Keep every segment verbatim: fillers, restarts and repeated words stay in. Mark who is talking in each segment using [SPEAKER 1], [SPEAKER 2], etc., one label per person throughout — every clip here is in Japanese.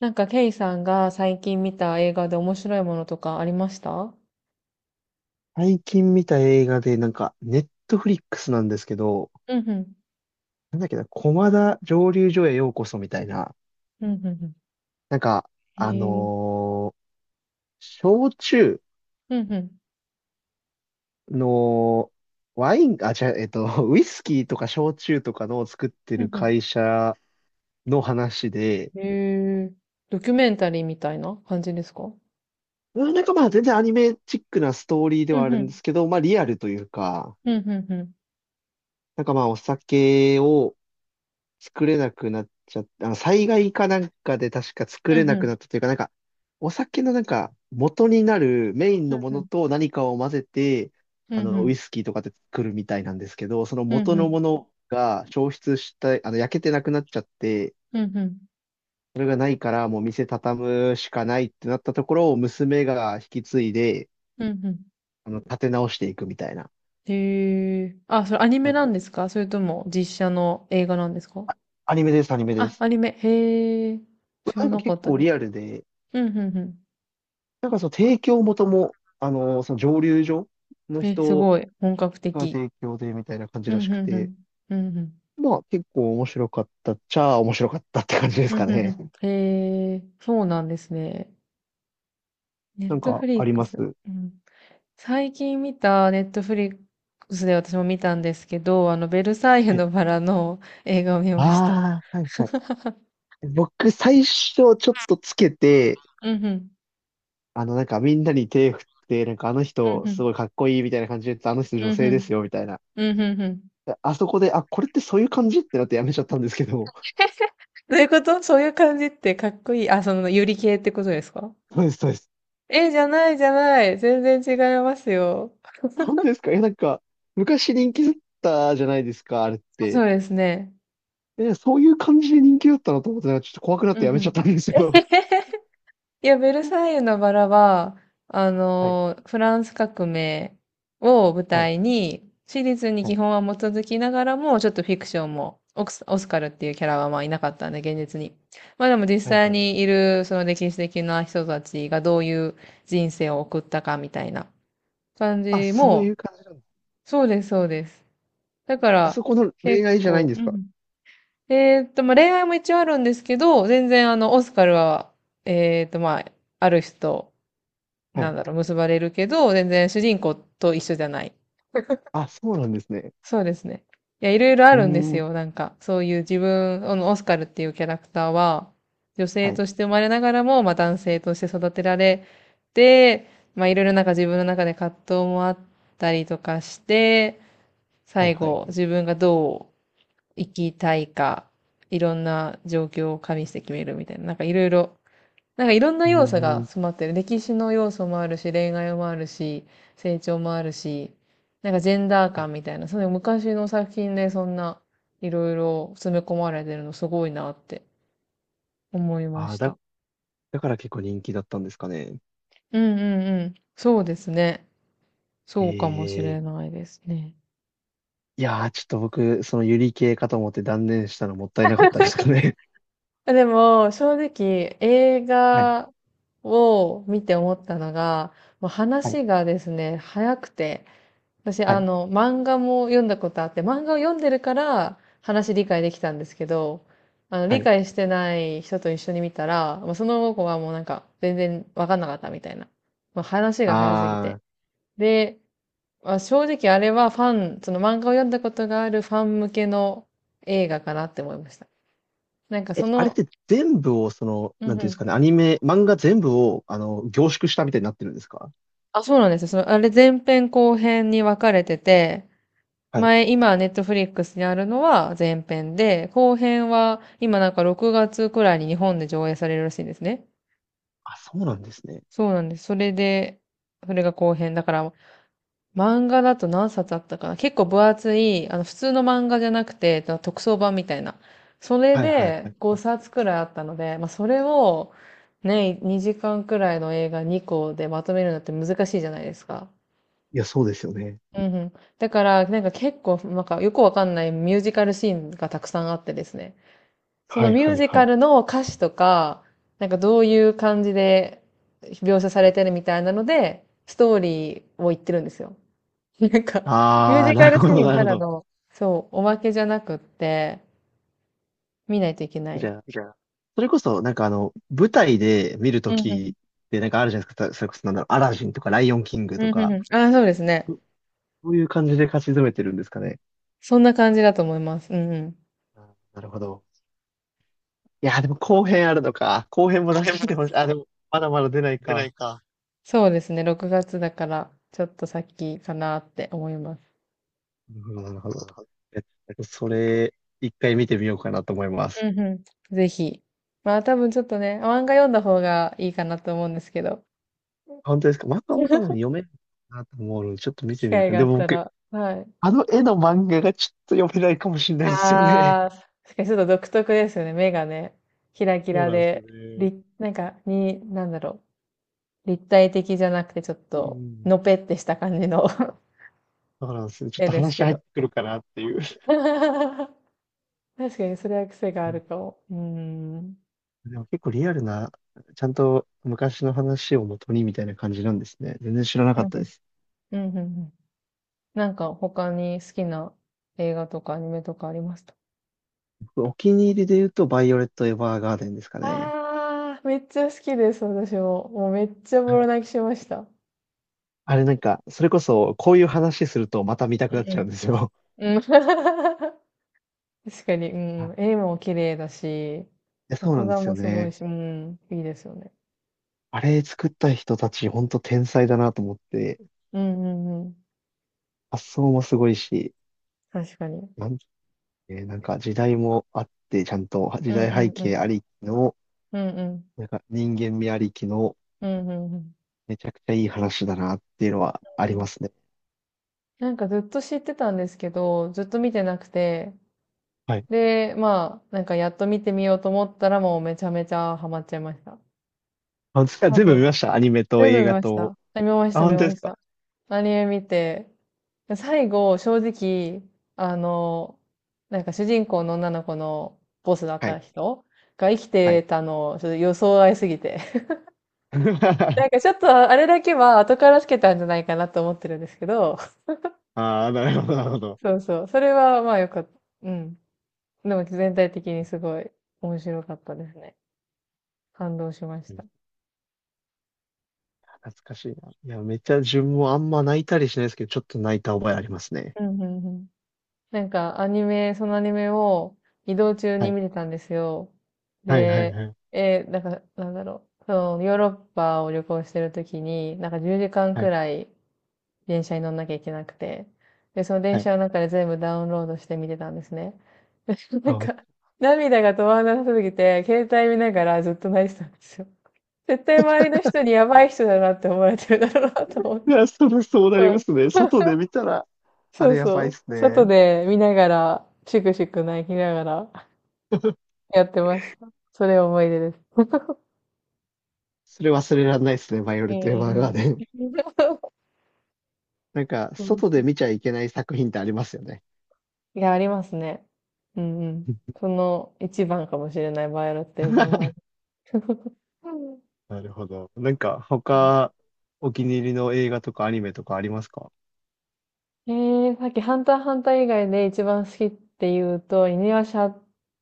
[SPEAKER 1] なんか、ケイさんが最近見た映画で面白いものとかありました？
[SPEAKER 2] 最近見た映画で、なんか、ネットフリックスなんですけど、
[SPEAKER 1] うんうん。
[SPEAKER 2] なんだっけな、駒田蒸留所へようこそみたいな、
[SPEAKER 1] うんうんうん。
[SPEAKER 2] なんか、
[SPEAKER 1] へ
[SPEAKER 2] あ
[SPEAKER 1] え。
[SPEAKER 2] のー焼酎
[SPEAKER 1] うんうん。
[SPEAKER 2] の、ワイン、あ、違う、えっと、ウイスキーとか焼酎とかの作って
[SPEAKER 1] う
[SPEAKER 2] る
[SPEAKER 1] んうん。
[SPEAKER 2] 会社の話で、
[SPEAKER 1] へえ。ドキュメンタリーみたいな感じですか？
[SPEAKER 2] うん、なんかまあ全然アニメチックなストーリーで
[SPEAKER 1] う
[SPEAKER 2] はあ
[SPEAKER 1] んう
[SPEAKER 2] るんで
[SPEAKER 1] ん。
[SPEAKER 2] すけど、まあリアルというか、
[SPEAKER 1] うんうんうん。
[SPEAKER 2] なんかまあお酒を作れなくなっちゃって、あの、災害かなんかで確か作
[SPEAKER 1] う
[SPEAKER 2] れ
[SPEAKER 1] んう
[SPEAKER 2] な
[SPEAKER 1] ん。
[SPEAKER 2] くなったというか、なんか、お酒のなんか、元になるメイン
[SPEAKER 1] う
[SPEAKER 2] の
[SPEAKER 1] ん
[SPEAKER 2] も
[SPEAKER 1] う
[SPEAKER 2] の
[SPEAKER 1] ん。
[SPEAKER 2] と何かを混ぜて、
[SPEAKER 1] う
[SPEAKER 2] あ
[SPEAKER 1] んう
[SPEAKER 2] の、ウ
[SPEAKER 1] ん。
[SPEAKER 2] イスキーとかで作るみたいなんですけど、その
[SPEAKER 1] うん
[SPEAKER 2] 元
[SPEAKER 1] う
[SPEAKER 2] の
[SPEAKER 1] ん。
[SPEAKER 2] ものが消失した、あの、焼けてなくなっちゃって、
[SPEAKER 1] うん
[SPEAKER 2] それがないからもう店畳むしかないってなったところを娘が引き継いで、
[SPEAKER 1] うん。
[SPEAKER 2] あの、立て直していくみたいな。
[SPEAKER 1] へえ。あ、それアニメなんですか、それとも実写の映画なんですか？
[SPEAKER 2] アニメです、アニメで
[SPEAKER 1] あ、
[SPEAKER 2] す。
[SPEAKER 1] アニメ。へえ。知
[SPEAKER 2] な
[SPEAKER 1] ら
[SPEAKER 2] んか
[SPEAKER 1] なか
[SPEAKER 2] 結
[SPEAKER 1] った
[SPEAKER 2] 構
[SPEAKER 1] です。
[SPEAKER 2] リアルで、
[SPEAKER 1] うんうんうん。
[SPEAKER 2] なんかその提供元も、あの、その蒸留所の
[SPEAKER 1] え、す
[SPEAKER 2] 人
[SPEAKER 1] ごい。本格
[SPEAKER 2] が
[SPEAKER 1] 的。
[SPEAKER 2] 提供でみたいな感じ
[SPEAKER 1] う
[SPEAKER 2] ら
[SPEAKER 1] んう
[SPEAKER 2] しく
[SPEAKER 1] んう
[SPEAKER 2] て、
[SPEAKER 1] ん。うんうん。
[SPEAKER 2] まあ結構面白かったっちゃあ面白かったって感じです
[SPEAKER 1] う
[SPEAKER 2] か
[SPEAKER 1] ん、うんう
[SPEAKER 2] ね。
[SPEAKER 1] ん。へえ、そうなんですね。ネ
[SPEAKER 2] な
[SPEAKER 1] ッ
[SPEAKER 2] ん
[SPEAKER 1] トフ
[SPEAKER 2] か
[SPEAKER 1] リ
[SPEAKER 2] あ
[SPEAKER 1] ッ
[SPEAKER 2] り
[SPEAKER 1] ク
[SPEAKER 2] ま
[SPEAKER 1] ス。
[SPEAKER 2] す。
[SPEAKER 1] うん。最近見たネットフリックスで私も見たんですけど、あの、ベルサイユ
[SPEAKER 2] はい。
[SPEAKER 1] のバラの映画を見ました。
[SPEAKER 2] ああ、はいはい。僕最初ちょっとつけて、
[SPEAKER 1] うんうん。
[SPEAKER 2] あのなんかみんなに手振って、なんかあの
[SPEAKER 1] うん
[SPEAKER 2] 人
[SPEAKER 1] う
[SPEAKER 2] す
[SPEAKER 1] ん。
[SPEAKER 2] ごいかっこいいみたいな感じで言ってたあの人女
[SPEAKER 1] うんう
[SPEAKER 2] 性で
[SPEAKER 1] ん。
[SPEAKER 2] すよみたいな。
[SPEAKER 1] うんうんうん。
[SPEAKER 2] であそこで、あ、これってそういう感じってなってやめちゃったんですけど。
[SPEAKER 1] どういうこと、そういう感じってかっこいい。あ、その、ユリ系ってことですか？
[SPEAKER 2] そうです、そうです。
[SPEAKER 1] え、じゃないじゃない。全然違いますよ。
[SPEAKER 2] 本当ですか？え、いやなんか昔人気だったじゃないですか、あれっ
[SPEAKER 1] そ
[SPEAKER 2] て。
[SPEAKER 1] うですね。
[SPEAKER 2] え、そういう感じで人気だったなと思ってたら、ちょっと怖くなっ
[SPEAKER 1] う
[SPEAKER 2] てや
[SPEAKER 1] んう
[SPEAKER 2] めち
[SPEAKER 1] ん。
[SPEAKER 2] ゃったんですよ。
[SPEAKER 1] いや、ベルサイユのバラは、あ
[SPEAKER 2] はい、
[SPEAKER 1] の、フランス革命を舞
[SPEAKER 2] はい、
[SPEAKER 1] 台に、史実に
[SPEAKER 2] は
[SPEAKER 1] 基
[SPEAKER 2] い、
[SPEAKER 1] 本は基づきながらも、ちょっとフィクションも、オクス、オスカルっていうキャラはまあいなかったんで、現実に。まあでも実
[SPEAKER 2] はい、
[SPEAKER 1] 際
[SPEAKER 2] はい。
[SPEAKER 1] にいる、その歴史的な人たちがどういう人生を送ったかみたいな感
[SPEAKER 2] あ、
[SPEAKER 1] じ
[SPEAKER 2] そう
[SPEAKER 1] も、
[SPEAKER 2] いう感じなんですね。
[SPEAKER 1] そうです、そうです。だか
[SPEAKER 2] あそ
[SPEAKER 1] ら、
[SPEAKER 2] この恋
[SPEAKER 1] 結
[SPEAKER 2] 愛じゃないん
[SPEAKER 1] 構、
[SPEAKER 2] で
[SPEAKER 1] う
[SPEAKER 2] すか？
[SPEAKER 1] ん。えーっと、まあ恋愛も一応あるんですけど、全然あの、オスカルは、えーっと、まあ、ある人、
[SPEAKER 2] は
[SPEAKER 1] な
[SPEAKER 2] い。
[SPEAKER 1] んだろう、結ばれるけど、全然主人公と一緒じゃない。
[SPEAKER 2] あ、そうなんですね。
[SPEAKER 1] そうですね。いや、いろいろあ
[SPEAKER 2] うー
[SPEAKER 1] るんです
[SPEAKER 2] ん。
[SPEAKER 1] よ。なんか、そういう自分、あの、オスカルっていうキャラクターは、女性
[SPEAKER 2] はい、
[SPEAKER 1] として生まれながらも、まあ、男性として育てられて、まあ、いろいろなんか自分の中で葛藤もあったりとかして、
[SPEAKER 2] はい、
[SPEAKER 1] 最
[SPEAKER 2] はい、
[SPEAKER 1] 後、
[SPEAKER 2] は
[SPEAKER 1] 自
[SPEAKER 2] い。
[SPEAKER 1] 分がどう生きたいか、いろんな状況を加味して決めるみたいな、なんかいろいろ、なんかいろんな
[SPEAKER 2] うー
[SPEAKER 1] 要素が
[SPEAKER 2] ん。
[SPEAKER 1] 詰まってる。歴史の要素もあるし、恋愛もあるし、成長もあるし、なんかジェンダー
[SPEAKER 2] はい。
[SPEAKER 1] 感みたいな、その昔の作品でそんないろいろ詰め込まれてるのすごいなって思いま
[SPEAKER 2] あー
[SPEAKER 1] し
[SPEAKER 2] だ、
[SPEAKER 1] た。
[SPEAKER 2] だから結構人気だったんですかね。
[SPEAKER 1] うんうんうん。そうですね。そうかもしれ
[SPEAKER 2] ええ、
[SPEAKER 1] ないですね。
[SPEAKER 2] いやー、ちょっと僕、そのユリ系かと思って断念したのもったいなかったですかね。
[SPEAKER 1] あでも、正直、映
[SPEAKER 2] はい、
[SPEAKER 1] 画を見て思ったのが、もう
[SPEAKER 2] はい、
[SPEAKER 1] 話がですね、早くて、私、
[SPEAKER 2] は
[SPEAKER 1] あ
[SPEAKER 2] い、
[SPEAKER 1] の、漫画も読んだことあって、漫画を読んでるから話理解できたんですけど、あの、
[SPEAKER 2] は
[SPEAKER 1] 理
[SPEAKER 2] い。
[SPEAKER 1] 解してない人と一緒に見たら、まその子はもうなんか全然わかんなかったみたいな。ま話が早すぎて。
[SPEAKER 2] ああ。
[SPEAKER 1] で、まあ、正直あれはファン、その漫画を読んだことがあるファン向けの映画かなって思いました。なんか
[SPEAKER 2] え、
[SPEAKER 1] そ
[SPEAKER 2] あれっ
[SPEAKER 1] の、
[SPEAKER 2] て全部を、その、
[SPEAKER 1] う
[SPEAKER 2] なん
[SPEAKER 1] んう
[SPEAKER 2] ていうんです
[SPEAKER 1] ん。
[SPEAKER 2] かね、アニメ、漫画全部を、あの、凝縮したみたいになってるんですか？
[SPEAKER 1] あ、そうなんですよ。その、あれ前編後編に分かれてて、
[SPEAKER 2] はい。
[SPEAKER 1] 前、今、ネットフリックスにあるのは前編で、後編は今なんかろくがつくらいに日本で上映されるらしいんですね。
[SPEAKER 2] あ、そうなんですね。
[SPEAKER 1] そうなんです。それで、それが後編。だから、漫画だと何冊あったかな、結構分厚い、あの、普通の漫画じゃなくて、特装版みたいな。それ
[SPEAKER 2] はいはいは
[SPEAKER 1] で
[SPEAKER 2] い。
[SPEAKER 1] ごさつくらいあったので、まあ、それをね、にじかんくらいの映画にこでまとめるのって難しいじゃないですか。
[SPEAKER 2] いや、そうですよね。
[SPEAKER 1] うんうん。だから、なんか結構、なんかよくわかんないミュージカルシーンがたくさんあってですね。そ
[SPEAKER 2] は
[SPEAKER 1] の
[SPEAKER 2] い
[SPEAKER 1] ミ
[SPEAKER 2] は
[SPEAKER 1] ュー
[SPEAKER 2] い
[SPEAKER 1] ジ
[SPEAKER 2] は
[SPEAKER 1] カ
[SPEAKER 2] い。
[SPEAKER 1] ルの歌詞とか、なんかどういう感じで描写されてるみたいなので、ストーリーを言ってるんですよ。なんか、ミュー
[SPEAKER 2] あー、
[SPEAKER 1] ジカ
[SPEAKER 2] なる
[SPEAKER 1] ル
[SPEAKER 2] ほ
[SPEAKER 1] シ
[SPEAKER 2] ど、
[SPEAKER 1] ーン
[SPEAKER 2] なる
[SPEAKER 1] た
[SPEAKER 2] ほ
[SPEAKER 1] だ
[SPEAKER 2] ど。
[SPEAKER 1] の、そう、おまけじゃなくって、見ないといけな
[SPEAKER 2] じ
[SPEAKER 1] い。
[SPEAKER 2] ゃあ、それこそ、なんかあの、舞台で見ると
[SPEAKER 1] うんうん。
[SPEAKER 2] きで、なんかあるじゃないですか。それこそ、なんだろう、アラジンとか、ライオンキングと
[SPEAKER 1] うんうん
[SPEAKER 2] か、
[SPEAKER 1] うん。ああ、そうですね。
[SPEAKER 2] そそういう感じで勝ち詰めてるんですかね。
[SPEAKER 1] そんな感じだと思います。うんうん。
[SPEAKER 2] あ、なるほど。いや、でも後編あるのか。後編も出してほしい。あ、でも、まだまだ出ないか。
[SPEAKER 1] そうですね。ろくがつだから、ちょっと先かなって思います。
[SPEAKER 2] なるほど、なるほど。えっと、それ、一回見てみようかなと思います。
[SPEAKER 1] うんうん。ぜひ。まあ多分ちょっとね、漫画読んだ方がいいかなと思うんですけど。
[SPEAKER 2] 本当ですか？漫画も多分読 めるかなと思うので、ちょっと見
[SPEAKER 1] 機
[SPEAKER 2] てみよう
[SPEAKER 1] 会
[SPEAKER 2] かな。
[SPEAKER 1] があ
[SPEAKER 2] で
[SPEAKER 1] っ
[SPEAKER 2] も
[SPEAKER 1] た
[SPEAKER 2] 僕、
[SPEAKER 1] ら。はい。
[SPEAKER 2] あの絵の漫画がちょっと読めないかもしれないですよね。
[SPEAKER 1] ああ、確かにちょっと独特ですよね。目がね、キラキ
[SPEAKER 2] そう
[SPEAKER 1] ラ
[SPEAKER 2] なんですよ
[SPEAKER 1] で、
[SPEAKER 2] ね。
[SPEAKER 1] 立なんか、に、なんだろう。立体的じゃなくてちょっ
[SPEAKER 2] う
[SPEAKER 1] と、
[SPEAKER 2] ん。
[SPEAKER 1] のぺってした感じの
[SPEAKER 2] そうなんですよ。ちょっ
[SPEAKER 1] 絵
[SPEAKER 2] と
[SPEAKER 1] です
[SPEAKER 2] 話
[SPEAKER 1] け
[SPEAKER 2] 入っ
[SPEAKER 1] ど。
[SPEAKER 2] てくるかなっていう。
[SPEAKER 1] 確かにそれは癖が
[SPEAKER 2] う
[SPEAKER 1] あ
[SPEAKER 2] ん、
[SPEAKER 1] るかも。うーん。うん
[SPEAKER 2] でも結構リアルな、ちゃんと昔の話を元にみたいな感じなんですね。全然知らな
[SPEAKER 1] う
[SPEAKER 2] か
[SPEAKER 1] ん。
[SPEAKER 2] ったです。
[SPEAKER 1] うんうんうん。なんか他に好きな映画とかアニメとかありますた？
[SPEAKER 2] 僕お気に入りで言うと、バイオレット・エヴァーガーデンですかね。
[SPEAKER 1] ああ、めっちゃ好きです、私も。もうめっちゃボロ泣きしました。
[SPEAKER 2] あれなんか、それこそ、こういう話するとまた見たく
[SPEAKER 1] う
[SPEAKER 2] なっちゃう
[SPEAKER 1] ん。
[SPEAKER 2] んですよ。
[SPEAKER 1] うん 確かに、う ん。
[SPEAKER 2] い
[SPEAKER 1] 絵も綺麗だし、
[SPEAKER 2] や、そうな
[SPEAKER 1] 作
[SPEAKER 2] んで
[SPEAKER 1] 画
[SPEAKER 2] すよ
[SPEAKER 1] もすごい
[SPEAKER 2] ね。
[SPEAKER 1] し、うん、いいですよね。
[SPEAKER 2] あれ作った人たち、ほんと天才だなと思って、
[SPEAKER 1] うんうんうん。
[SPEAKER 2] 発想もすごいし、
[SPEAKER 1] 確かに。
[SPEAKER 2] なんて、なんか時代もあって、ちゃんと
[SPEAKER 1] う
[SPEAKER 2] 時
[SPEAKER 1] ん
[SPEAKER 2] 代
[SPEAKER 1] う
[SPEAKER 2] 背
[SPEAKER 1] んう
[SPEAKER 2] 景
[SPEAKER 1] ん。
[SPEAKER 2] ありきの、
[SPEAKER 1] うんうん。
[SPEAKER 2] なんか人間味ありきの、
[SPEAKER 1] うんうんうん。
[SPEAKER 2] めちゃくちゃいい話だなっていうのはありますね。
[SPEAKER 1] なんかずっと知ってたんですけど、ずっと見てなくて、
[SPEAKER 2] はい。
[SPEAKER 1] で、まあ、なんかやっと見てみようと思ったらもうめちゃめちゃハマっちゃいました。
[SPEAKER 2] あ、
[SPEAKER 1] 多
[SPEAKER 2] 全部
[SPEAKER 1] 分
[SPEAKER 2] 見ました。アニメと
[SPEAKER 1] 全部
[SPEAKER 2] 映
[SPEAKER 1] 見
[SPEAKER 2] 画
[SPEAKER 1] まし
[SPEAKER 2] と。
[SPEAKER 1] た。あ見まし
[SPEAKER 2] あ、
[SPEAKER 1] た、見
[SPEAKER 2] 本当で
[SPEAKER 1] ま
[SPEAKER 2] す
[SPEAKER 1] し
[SPEAKER 2] か？
[SPEAKER 1] た。アニメ見て、最後、正直、あの、なんか主人公の女の子のボスだっ
[SPEAKER 2] は
[SPEAKER 1] た
[SPEAKER 2] い。
[SPEAKER 1] 人が生き
[SPEAKER 2] は
[SPEAKER 1] て
[SPEAKER 2] い。
[SPEAKER 1] たの、ちょっと予想外すぎて。な んかちょっとあれだけは後からつけたんじゃないかなと思ってるんですけど、
[SPEAKER 2] ああ、なるほど、なるほど。
[SPEAKER 1] そうそう。それはまあよかった。うん。でも全体的にすごい面白かったですね。感動しました。
[SPEAKER 2] 懐かしいな。いや、めっちゃ自分もあんま泣いたりしないですけど、ちょっと泣いた覚えありますね。
[SPEAKER 1] うん、うん、うん。なんかアニメ、そのアニメを移動中
[SPEAKER 2] は
[SPEAKER 1] に
[SPEAKER 2] い。
[SPEAKER 1] 見てたんですよ。
[SPEAKER 2] はいはい
[SPEAKER 1] で、
[SPEAKER 2] はい。
[SPEAKER 1] えー、なんか、なんだろう。そのヨーロッパを旅行してる時に、なんかじゅうじかん
[SPEAKER 2] は
[SPEAKER 1] く
[SPEAKER 2] い。
[SPEAKER 1] らい電車に乗んなきゃいけなくて、で、その電
[SPEAKER 2] は
[SPEAKER 1] 車
[SPEAKER 2] い。
[SPEAKER 1] の中で全部ダウンロードして見てたんですね。でなん
[SPEAKER 2] あ、めっ
[SPEAKER 1] か、涙が止まらなさすぎて、携帯見ながらずっと泣いてたんですよ。絶対周りの人にやばい人だなって思われてるだろうなと思っ
[SPEAKER 2] い
[SPEAKER 1] て。
[SPEAKER 2] や、それそうな
[SPEAKER 1] う
[SPEAKER 2] りま
[SPEAKER 1] ん。
[SPEAKER 2] すね。外で見たら、あ
[SPEAKER 1] そう
[SPEAKER 2] れやばいっ
[SPEAKER 1] そう。
[SPEAKER 2] す
[SPEAKER 1] 外
[SPEAKER 2] ね。
[SPEAKER 1] で見ながら、シクシク泣きながら やってました。それ思い出です。
[SPEAKER 2] それ忘れられないですね、バイオ
[SPEAKER 1] え
[SPEAKER 2] レット・エヴァーガ
[SPEAKER 1] え
[SPEAKER 2] ーデン。
[SPEAKER 1] そ
[SPEAKER 2] なんか、
[SPEAKER 1] うそう
[SPEAKER 2] 外 で見ちゃいけない作品ってありますよね。
[SPEAKER 1] いや、ありますね。うんうん。その一番かもしれないバイオレットエヴァンがある。うん。
[SPEAKER 2] なるほど。なんか、他、お気に入りの映画とかアニメとかありますか？
[SPEAKER 1] えー、さっきハンターハンター以外で一番好きって言うと、犬夜叉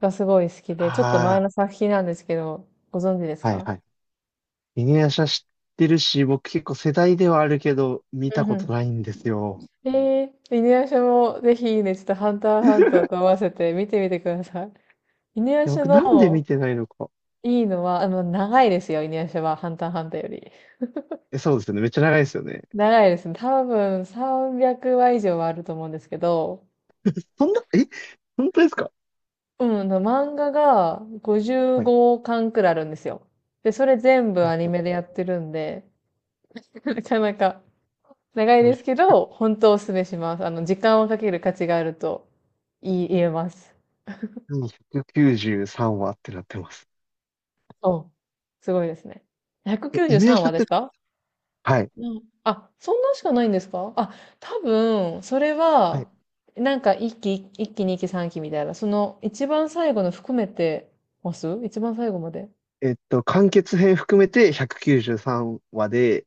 [SPEAKER 1] がすごい好きで、ちょっと前
[SPEAKER 2] あ
[SPEAKER 1] の作品なんですけど、ご存知です
[SPEAKER 2] あ、はい
[SPEAKER 1] か？
[SPEAKER 2] はい。犬夜叉知ってるし、僕結構世代ではあるけど、見
[SPEAKER 1] う
[SPEAKER 2] た
[SPEAKER 1] んう
[SPEAKER 2] こと
[SPEAKER 1] ん
[SPEAKER 2] ないんですよ。
[SPEAKER 1] えー、犬夜叉もぜひね、ちょっとハンターハンター
[SPEAKER 2] い
[SPEAKER 1] と合わせて見てみてください。犬夜
[SPEAKER 2] や、
[SPEAKER 1] 叉
[SPEAKER 2] 僕なんで
[SPEAKER 1] の
[SPEAKER 2] 見てないのか。
[SPEAKER 1] いいのは、あの、長いですよ、犬夜叉は、ハンターハンターより。
[SPEAKER 2] え、そうですよね。めっちゃ長いですよね。
[SPEAKER 1] 長いですね。多分さんびゃくわ以上はあると思うんですけど、
[SPEAKER 2] そんな、え、本当ですか？
[SPEAKER 1] うん、あの漫画が55
[SPEAKER 2] はい、
[SPEAKER 1] 巻くらいあるんですよ。で、それ全部
[SPEAKER 2] はい、
[SPEAKER 1] アニ
[SPEAKER 2] は
[SPEAKER 1] メで
[SPEAKER 2] い。
[SPEAKER 1] やってるんで、なかなか長いで
[SPEAKER 2] も
[SPEAKER 1] すけど、本当おすすめします。あの、時間をかける価値があると言い言えます。
[SPEAKER 2] うひゃくきゅうじゅうさんわってなってます。
[SPEAKER 1] そう、すごいですね。
[SPEAKER 2] え、
[SPEAKER 1] 193
[SPEAKER 2] 犬夜叉
[SPEAKER 1] 話です
[SPEAKER 2] って、
[SPEAKER 1] か？
[SPEAKER 2] はい、
[SPEAKER 1] うん。あ、そんなしかないんですか？あ、多分、それ
[SPEAKER 2] はい。
[SPEAKER 1] は、なんか一期、一期、二期、三期みたいな、その一番最後の含めてます？一番最後まで。
[SPEAKER 2] えっと、完結編含めてひゃくきゅうじゅうさんわで、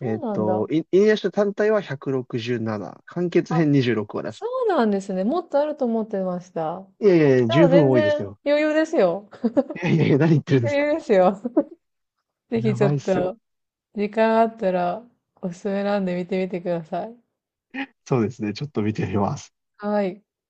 [SPEAKER 2] え
[SPEAKER 1] う
[SPEAKER 2] っ
[SPEAKER 1] なん
[SPEAKER 2] と、
[SPEAKER 1] だ。
[SPEAKER 2] い犬夜叉単体はひゃくろくじゅうなな、完結
[SPEAKER 1] あ、
[SPEAKER 2] 編にじゅうろくわだし
[SPEAKER 1] そうなんですね。もっとあると思ってました。
[SPEAKER 2] い。いやいやいや、
[SPEAKER 1] じゃ
[SPEAKER 2] 十
[SPEAKER 1] あ
[SPEAKER 2] 分
[SPEAKER 1] 全
[SPEAKER 2] 多いで
[SPEAKER 1] 然
[SPEAKER 2] すよ。
[SPEAKER 1] 余裕ですよ。
[SPEAKER 2] いやいやいや、何言ってるんで
[SPEAKER 1] 余
[SPEAKER 2] すか？
[SPEAKER 1] 裕ですよ。ぜひ
[SPEAKER 2] や
[SPEAKER 1] ちょ
[SPEAKER 2] ば
[SPEAKER 1] っ
[SPEAKER 2] いっすよ。
[SPEAKER 1] と、時間あったら、おすすめなんで見てみてください。
[SPEAKER 2] そうですね。ちょっと見てみます。
[SPEAKER 1] はい。